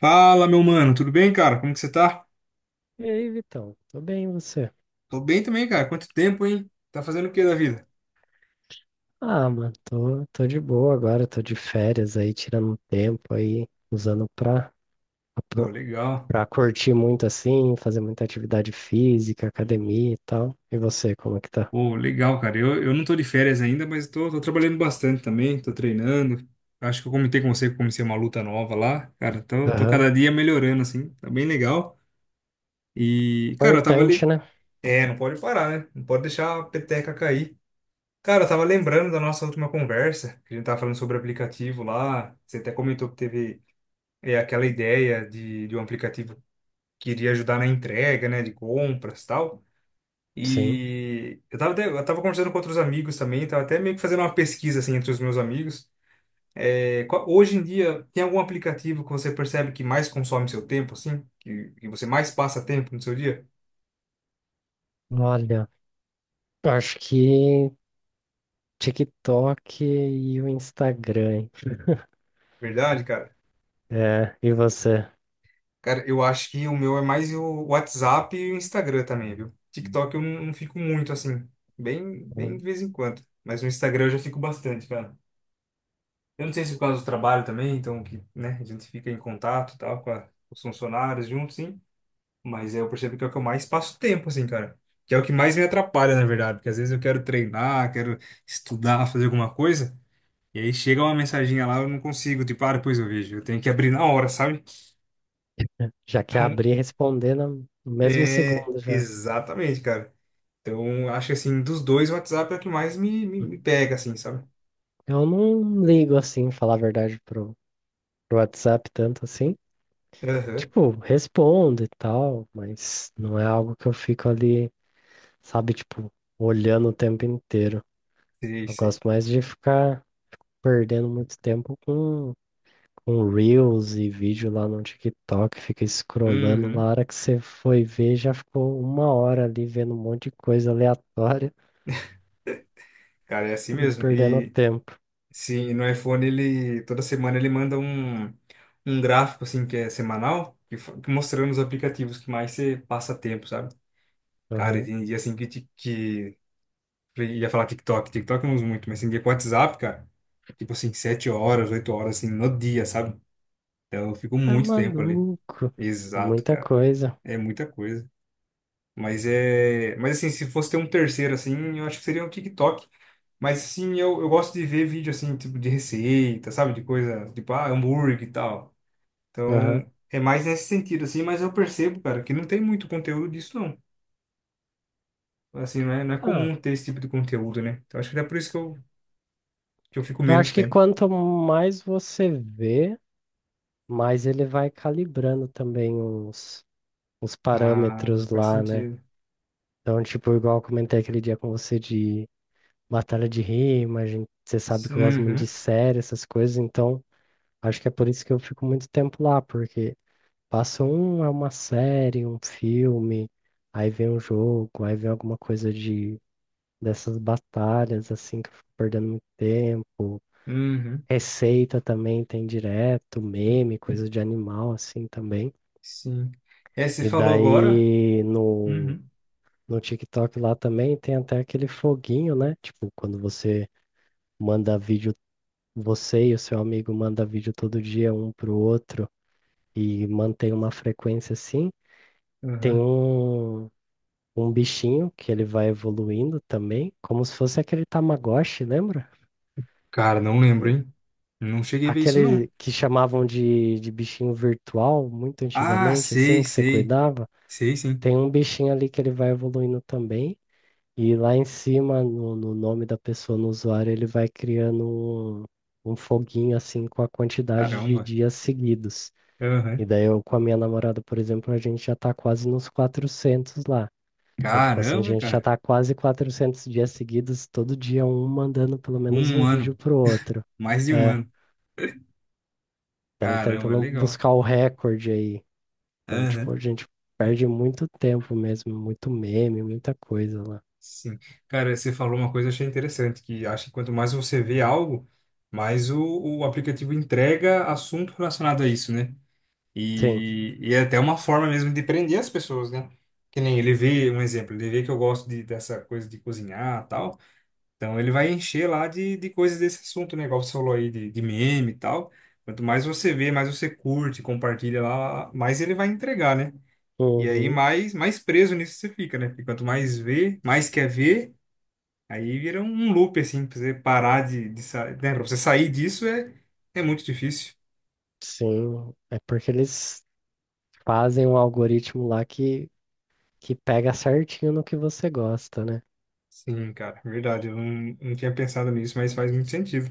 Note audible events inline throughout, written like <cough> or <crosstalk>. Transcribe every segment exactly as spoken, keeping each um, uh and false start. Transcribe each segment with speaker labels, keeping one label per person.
Speaker 1: Fala, meu mano, tudo bem, cara? Como que você tá?
Speaker 2: E aí, Vitão? Tô bem, e você?
Speaker 1: Tô bem também, cara. Quanto tempo, hein? Tá fazendo o que da vida?
Speaker 2: Ah, mano, tô, tô de boa agora, tô de férias aí, tirando um tempo aí, usando pra,
Speaker 1: Pô,
Speaker 2: pra,
Speaker 1: legal.
Speaker 2: pra curtir muito assim, fazer muita atividade física, academia e tal. E você, como é que tá?
Speaker 1: Pô, legal, cara. Eu, eu não tô de férias ainda, mas tô, tô trabalhando bastante também, tô treinando. Acho que eu comentei com você que eu comecei uma luta nova lá. Cara, tô, tô
Speaker 2: Aham.
Speaker 1: cada dia melhorando, assim. Tá bem legal. E, cara, eu tava
Speaker 2: Importante,
Speaker 1: ali.
Speaker 2: né?
Speaker 1: É, não pode parar, né? Não pode deixar a peteca cair. Cara, eu tava lembrando da nossa última conversa, que a gente tava falando sobre aplicativo lá. Você até comentou que teve é aquela ideia de, de um aplicativo queria ajudar na entrega, né, de compras e tal.
Speaker 2: Sim.
Speaker 1: E eu tava, até- eu tava conversando com outros amigos também, tava até meio que fazendo uma pesquisa, assim, entre os meus amigos. É, qual- hoje em dia, tem algum aplicativo que você percebe que mais consome seu tempo, assim? Que, que você mais passa tempo no seu dia?
Speaker 2: Olha, eu acho que TikTok e o Instagram, hein?
Speaker 1: Verdade, cara?
Speaker 2: É, e você?
Speaker 1: Cara, eu acho que o meu é mais o WhatsApp e o Instagram também, viu? TikTok eu não, não fico muito, assim, bem, bem
Speaker 2: Hum.
Speaker 1: de vez em quando. Mas no Instagram eu já fico bastante, cara. Eu não sei se é por causa do trabalho também, então que, né, a gente fica em contato, e tal, com a- com os funcionários juntos, sim. Mas eu percebo que é o que eu mais passo tempo, assim, cara. Que é o que mais me atrapalha, na verdade, porque às vezes eu quero treinar, quero estudar, fazer alguma coisa, e aí chega uma mensaginha lá, eu não consigo, tipo, ah, depois eu vejo. Eu tenho que abrir na hora, sabe?
Speaker 2: Já que abri e
Speaker 1: <laughs>
Speaker 2: responder no no
Speaker 1: Então,
Speaker 2: mesmo
Speaker 1: é
Speaker 2: segundo já.
Speaker 1: exatamente, cara. Então, acho que assim, dos dois, o WhatsApp é o que mais me, me, me pega, assim, sabe?
Speaker 2: Eu não ligo assim, falar a verdade, pro WhatsApp tanto assim.
Speaker 1: Aham,
Speaker 2: Tipo, respondo e tal, mas não é algo que eu fico ali, sabe, tipo, olhando o tempo inteiro.
Speaker 1: sei,
Speaker 2: Eu
Speaker 1: sei.
Speaker 2: gosto mais de ficar perdendo muito tempo com, com Reels e vídeo lá no TikTok, fica scrollando lá, a
Speaker 1: Uhum.
Speaker 2: hora que você foi ver, já ficou uma hora ali vendo um monte de coisa aleatória
Speaker 1: Cara, é assim
Speaker 2: <laughs> e
Speaker 1: mesmo.
Speaker 2: perdendo
Speaker 1: E
Speaker 2: tempo.
Speaker 1: sim, no iPhone ele toda semana ele manda um, um gráfico assim que é semanal, que, fa- que mostrando os aplicativos que mais você passa tempo, sabe? Cara, e
Speaker 2: Aham.
Speaker 1: tem dia assim que, ti- que eu ia falar TikTok, TikTok eu não uso muito, mas tem dia com WhatsApp, cara, tipo assim, sete horas, oito horas assim no dia, sabe? Então eu fico
Speaker 2: Tá
Speaker 1: muito tempo ali.
Speaker 2: maluco.
Speaker 1: Exato,
Speaker 2: Muita
Speaker 1: cara.
Speaker 2: coisa.
Speaker 1: É muita coisa. Mas é, mas assim, se fosse ter um terceiro assim, eu acho que seria o TikTok. Mas sim, eu, eu gosto de ver vídeo assim, tipo de receita, sabe? De coisa, tipo, ah, hambúrguer e tal.
Speaker 2: Aham.
Speaker 1: Então, é mais nesse sentido, assim, mas eu percebo, cara, que não tem muito conteúdo disso, não. Assim, não é, não é
Speaker 2: Ah,
Speaker 1: comum ter esse tipo de conteúdo, né? Então, acho que é por isso que eu, que eu fico
Speaker 2: eu
Speaker 1: menos
Speaker 2: acho que
Speaker 1: tempo.
Speaker 2: quanto mais você vê, mas ele vai calibrando também uns, uns
Speaker 1: Ah,
Speaker 2: parâmetros
Speaker 1: faz
Speaker 2: lá, né?
Speaker 1: sentido.
Speaker 2: Então, tipo, igual eu comentei aquele dia com você de batalha de rima, a gente, você sabe que eu gosto muito de
Speaker 1: Uhum,
Speaker 2: série, essas coisas, então acho que é por isso que eu fico muito tempo lá, porque passa um, é uma série, um filme, aí vem um jogo, aí vem alguma coisa de dessas batalhas, assim, que eu fico perdendo muito tempo.
Speaker 1: uhum,
Speaker 2: Receita também tem direto, meme, coisa de animal, assim, também.
Speaker 1: sim. É, você
Speaker 2: E
Speaker 1: falou agora?
Speaker 2: daí no,
Speaker 1: Uhum,
Speaker 2: no TikTok lá também tem até aquele foguinho, né? Tipo, quando você manda vídeo, você e o seu amigo manda vídeo todo dia um pro outro e mantém uma frequência assim, tem
Speaker 1: uhum.
Speaker 2: um, um bichinho que ele vai evoluindo também, como se fosse aquele Tamagotchi, lembra?
Speaker 1: Cara, não lembro, hein? Não cheguei a ver isso, não.
Speaker 2: Aquele que chamavam de, de bichinho virtual, muito
Speaker 1: Ah,
Speaker 2: antigamente, assim,
Speaker 1: sei,
Speaker 2: que você
Speaker 1: sei.
Speaker 2: cuidava.
Speaker 1: Sei, sim.
Speaker 2: Tem um bichinho ali que ele vai evoluindo também. E lá em cima, no, no nome da pessoa, no usuário, ele vai criando um, um foguinho assim com a quantidade de
Speaker 1: Caramba.
Speaker 2: dias seguidos. E
Speaker 1: Aham.
Speaker 2: daí eu com a minha namorada, por exemplo, a gente já tá quase nos quatrocentos lá. Então, tipo assim, a
Speaker 1: Caramba,
Speaker 2: gente já
Speaker 1: cara.
Speaker 2: tá quase quatrocentos dias seguidos, todo dia um mandando pelo menos
Speaker 1: Um
Speaker 2: um vídeo
Speaker 1: ano,
Speaker 2: pro outro.
Speaker 1: mais de um
Speaker 2: É,
Speaker 1: ano.
Speaker 2: estamos
Speaker 1: Caramba,
Speaker 2: tentando
Speaker 1: legal.
Speaker 2: buscar o recorde aí. Então, tipo,
Speaker 1: Aham,
Speaker 2: a gente perde muito tempo mesmo, muito meme, muita coisa lá.
Speaker 1: sim. Cara, você falou uma coisa que eu achei interessante, que acho que quanto mais você vê algo, mais o, o aplicativo entrega assunto relacionado a isso, né?
Speaker 2: Sim.
Speaker 1: E, e é até uma forma mesmo de prender as pessoas, né? Que nem ele vê, um exemplo, ele vê que eu gosto de, dessa coisa de cozinhar e tal, então ele vai encher lá de, de coisas desse assunto, né? Igual você falou aí de, de meme e tal. Quanto mais você vê, mais você curte, compartilha lá, mais ele vai entregar, né? E aí
Speaker 2: Uhum.
Speaker 1: mais, mais preso nisso você fica, né? Porque quanto mais vê, mais quer ver, aí vira um loop, assim, pra você parar de, de sair. Né? Pra você sair disso é, é muito difícil.
Speaker 2: Sim, é porque eles fazem um algoritmo lá que, que pega certinho no que você gosta, né?
Speaker 1: Sim, cara, verdade. Eu não, não tinha pensado nisso, mas faz muito sentido.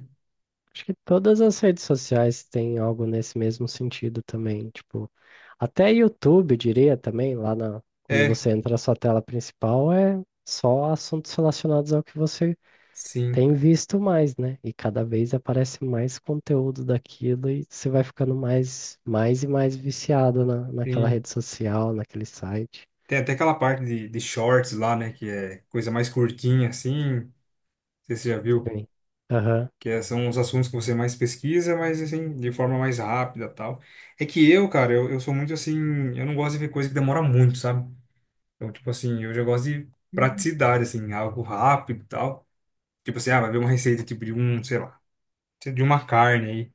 Speaker 2: Acho que todas as redes sociais têm algo nesse mesmo sentido também. Tipo, até YouTube, diria também, lá na, quando
Speaker 1: É,
Speaker 2: você entra na sua tela principal, é só assuntos relacionados ao que você
Speaker 1: sim,
Speaker 2: tem visto mais, né? E cada vez aparece mais conteúdo daquilo e você vai ficando mais, mais e mais viciado na, naquela
Speaker 1: sim.
Speaker 2: rede social, naquele site.
Speaker 1: Tem até aquela parte de, de shorts lá, né? Que é coisa mais curtinha, assim. Não sei se você já viu.
Speaker 2: Sim. Aham.
Speaker 1: Que é- são os assuntos que você mais pesquisa, mas assim, de forma mais rápida e tal. É que eu, cara, eu, eu sou muito assim. Eu não gosto de ver coisa que demora muito, sabe? Então, tipo assim, eu já gosto de praticidade, assim, algo rápido e tal. Tipo assim, ah, vai ver uma receita, tipo, de um, sei lá, de uma carne aí.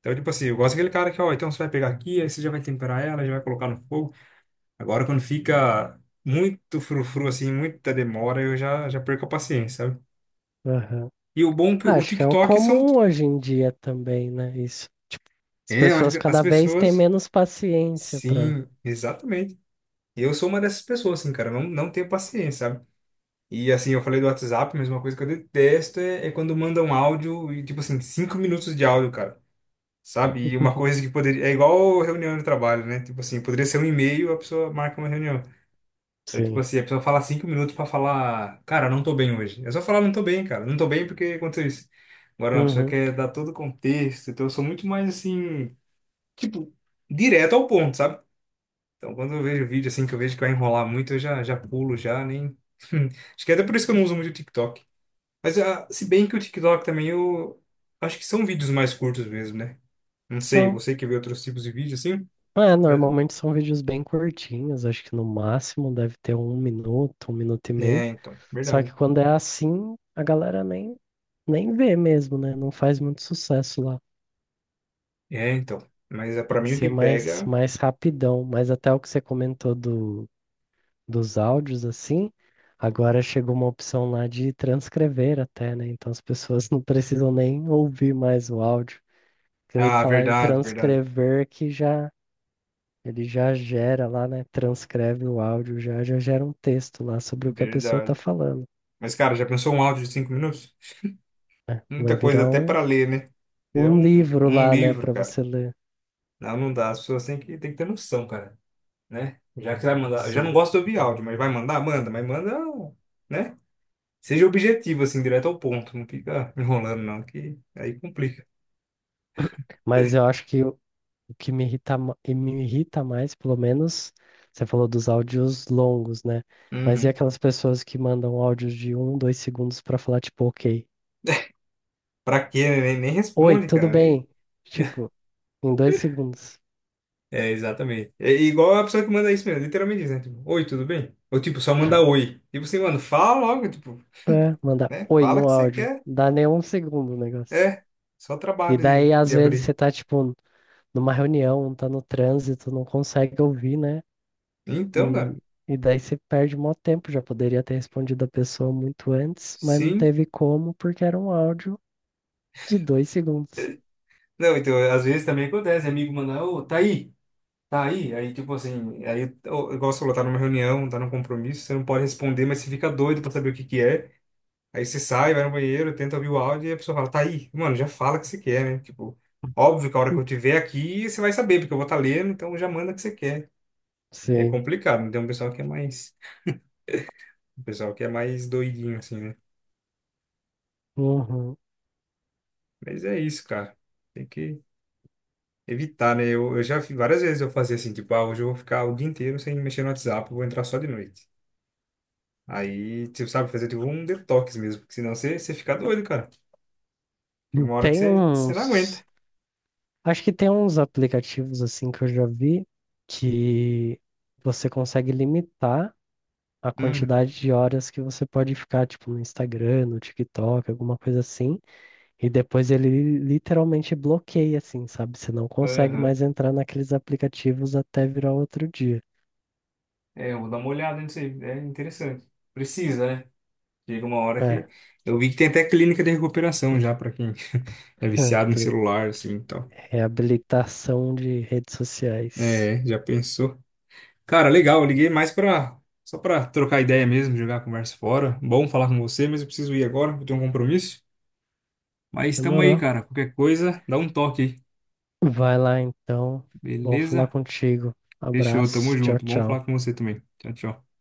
Speaker 1: Então, tipo assim, eu gosto daquele cara que, ó, então você vai pegar aqui, aí você já vai temperar ela, já vai colocar no fogo. Agora, quando fica muito frufru, assim, muita demora, eu já, já perco a paciência, sabe?
Speaker 2: Aham.
Speaker 1: E o bom é que
Speaker 2: Ah,
Speaker 1: o
Speaker 2: acho que é o
Speaker 1: TikTok são...
Speaker 2: comum hoje em dia também, né? Isso. Tipo, as
Speaker 1: É, eu acho
Speaker 2: pessoas
Speaker 1: que as
Speaker 2: cada vez têm
Speaker 1: pessoas...
Speaker 2: menos paciência para.
Speaker 1: Sim, exatamente. Eu sou uma dessas pessoas, assim, cara, não, não tenho paciência, sabe? E assim, eu falei do WhatsApp, mas uma coisa que eu detesto é, é quando mandam áudio e, tipo assim, cinco minutos de áudio, cara. Sabe? E uma coisa que poderia. É igual reunião de trabalho, né? Tipo assim, poderia ser um e-mail, a pessoa marca uma reunião. Então, tipo
Speaker 2: Sim.
Speaker 1: assim, a pessoa fala cinco minutos pra falar, cara, não tô bem hoje. É só falar, não tô bem, cara. Não tô bem porque aconteceu isso. Agora, não, a pessoa
Speaker 2: Uhum.
Speaker 1: quer dar todo o contexto. Então, eu sou muito mais assim, tipo, direto ao ponto, sabe? Então, quando eu vejo vídeo assim, que eu vejo que vai enrolar muito, eu já, já pulo, já nem. <laughs> Acho que é até por isso que eu não uso muito o TikTok. Mas ah, se bem que o TikTok também eu acho que são vídeos mais curtos mesmo, né? Não sei,
Speaker 2: São.
Speaker 1: você que vê outros tipos de vídeo assim,
Speaker 2: É,
Speaker 1: mas
Speaker 2: normalmente são vídeos bem curtinhos, acho que no máximo deve ter um minuto, um minuto e
Speaker 1: é,
Speaker 2: meio.
Speaker 1: então,
Speaker 2: Só que
Speaker 1: verdade.
Speaker 2: quando é assim, a galera nem, nem vê mesmo, né? Não faz muito sucesso lá.
Speaker 1: É, então, mas é para
Speaker 2: Tem que
Speaker 1: mim o que
Speaker 2: ser mais,
Speaker 1: pega.
Speaker 2: mais rapidão. Mas até o que você comentou do, dos áudios assim, agora chegou uma opção lá de transcrever até, né? Então as pessoas <laughs> não precisam nem ouvir mais o áudio.
Speaker 1: Ah,
Speaker 2: Clica lá em
Speaker 1: verdade, verdade,
Speaker 2: transcrever que já ele já gera lá, né? Transcreve o áudio, já já gera um texto lá sobre o que a pessoa
Speaker 1: verdade.
Speaker 2: tá falando,
Speaker 1: Mas cara, já pensou um áudio de cinco minutos?
Speaker 2: né? Vai
Speaker 1: Muita coisa
Speaker 2: virar
Speaker 1: até
Speaker 2: um,
Speaker 1: para ler, né? É
Speaker 2: um
Speaker 1: um,
Speaker 2: livro
Speaker 1: um
Speaker 2: lá, né,
Speaker 1: livro,
Speaker 2: para
Speaker 1: cara.
Speaker 2: você ler.
Speaker 1: Não, não dá. As pessoas têm que, têm que ter noção, cara, né? Já que vai mandar, eu já não
Speaker 2: Sim.
Speaker 1: gosto de ouvir áudio, mas vai mandar, manda, mas manda, né? Seja objetivo, assim, direto ao ponto. Não fica enrolando, não, que aí complica.
Speaker 2: Mas eu acho que o que me irrita, ma- e me irrita mais, pelo menos, você falou dos áudios longos, né? Mas e
Speaker 1: Uhum.
Speaker 2: aquelas pessoas que mandam áudios de um, dois segundos pra falar, tipo, ok,
Speaker 1: <laughs> Pra quê? Né? Nem, nem
Speaker 2: oi,
Speaker 1: responde,
Speaker 2: tudo
Speaker 1: cara. É,
Speaker 2: bem? Tipo, em dois segundos.
Speaker 1: <laughs> é, exatamente. É igual a pessoa que manda isso mesmo, literalmente isso, né? Tipo, oi, tudo bem? Ou tipo, só manda oi. Tipo assim, mano, fala logo, tipo,
Speaker 2: É, manda
Speaker 1: né?
Speaker 2: oi
Speaker 1: Fala o
Speaker 2: no
Speaker 1: que você
Speaker 2: áudio.
Speaker 1: quer.
Speaker 2: Dá nem um segundo o negócio.
Speaker 1: É, só
Speaker 2: E
Speaker 1: trabalho de,
Speaker 2: daí, às
Speaker 1: de
Speaker 2: vezes,
Speaker 1: abrir.
Speaker 2: você tá, tipo, numa reunião, tá no trânsito, não consegue ouvir, né?
Speaker 1: Então, cara,
Speaker 2: E, e daí você perde mó tempo. Já poderia ter respondido a pessoa muito antes, mas não
Speaker 1: sim.
Speaker 2: teve como, porque era um áudio de dois segundos.
Speaker 1: Não, então, às vezes também acontece, amigo manda, ô, tá aí, tá aí. Aí, tipo assim, aí, ô, igual você falou, tá numa reunião, tá num compromisso, você não pode responder, mas você fica doido pra saber o que que é. Aí você sai, vai no banheiro, tenta ouvir o áudio e a pessoa fala, tá aí, mano, já fala o que você quer, né? Tipo, óbvio que a hora que
Speaker 2: Hum.
Speaker 1: eu tiver aqui, você vai saber, porque eu vou estar lendo, então já manda o que você quer. É
Speaker 2: Sim.
Speaker 1: complicado, né? Tem um pessoal que é mais, um pessoal que é mais doidinho, assim, né?
Speaker 2: Uhum.
Speaker 1: Mas é isso, cara. Tem que evitar, né? Eu, eu já fiz várias vezes eu fazia assim, tipo, ah, hoje eu vou ficar o dia inteiro sem mexer no WhatsApp, eu vou entrar só de noite. Aí, tipo, sabe, fazer tipo um detox mesmo, porque senão você, você fica doido, cara. Tem
Speaker 2: Hum.
Speaker 1: uma hora que
Speaker 2: Tem
Speaker 1: você, você não aguenta.
Speaker 2: uns. Acho que tem uns aplicativos assim que eu já vi que você consegue limitar a
Speaker 1: Uhum,
Speaker 2: quantidade de horas que você pode ficar, tipo, no Instagram, no TikTok, alguma coisa assim. E depois ele literalmente bloqueia, assim, sabe? Você não consegue
Speaker 1: uhum.
Speaker 2: mais entrar naqueles aplicativos até virar outro dia.
Speaker 1: É, eu vou dar uma olhada nisso aí. É interessante. Precisa, né? Chega uma hora que.
Speaker 2: É.
Speaker 1: Eu vi que tem até clínica de recuperação já pra quem <laughs> é
Speaker 2: <laughs>
Speaker 1: viciado em
Speaker 2: Aquele
Speaker 1: celular, assim e tal.
Speaker 2: reabilitação de redes sociais.
Speaker 1: É, já pensou. Cara, legal, eu liguei mais pra. Só pra trocar ideia mesmo, jogar a conversa fora. Bom falar com você, mas eu preciso ir agora, eu tenho um compromisso. Mas tamo aí,
Speaker 2: Demorou.
Speaker 1: cara. Qualquer coisa, dá um toque aí.
Speaker 2: Vai lá então. Bom falar
Speaker 1: Beleza?
Speaker 2: contigo.
Speaker 1: Fechou, tamo
Speaker 2: Abraço. Tchau,
Speaker 1: junto. Bom falar
Speaker 2: tchau.
Speaker 1: com você também. Tchau, tchau.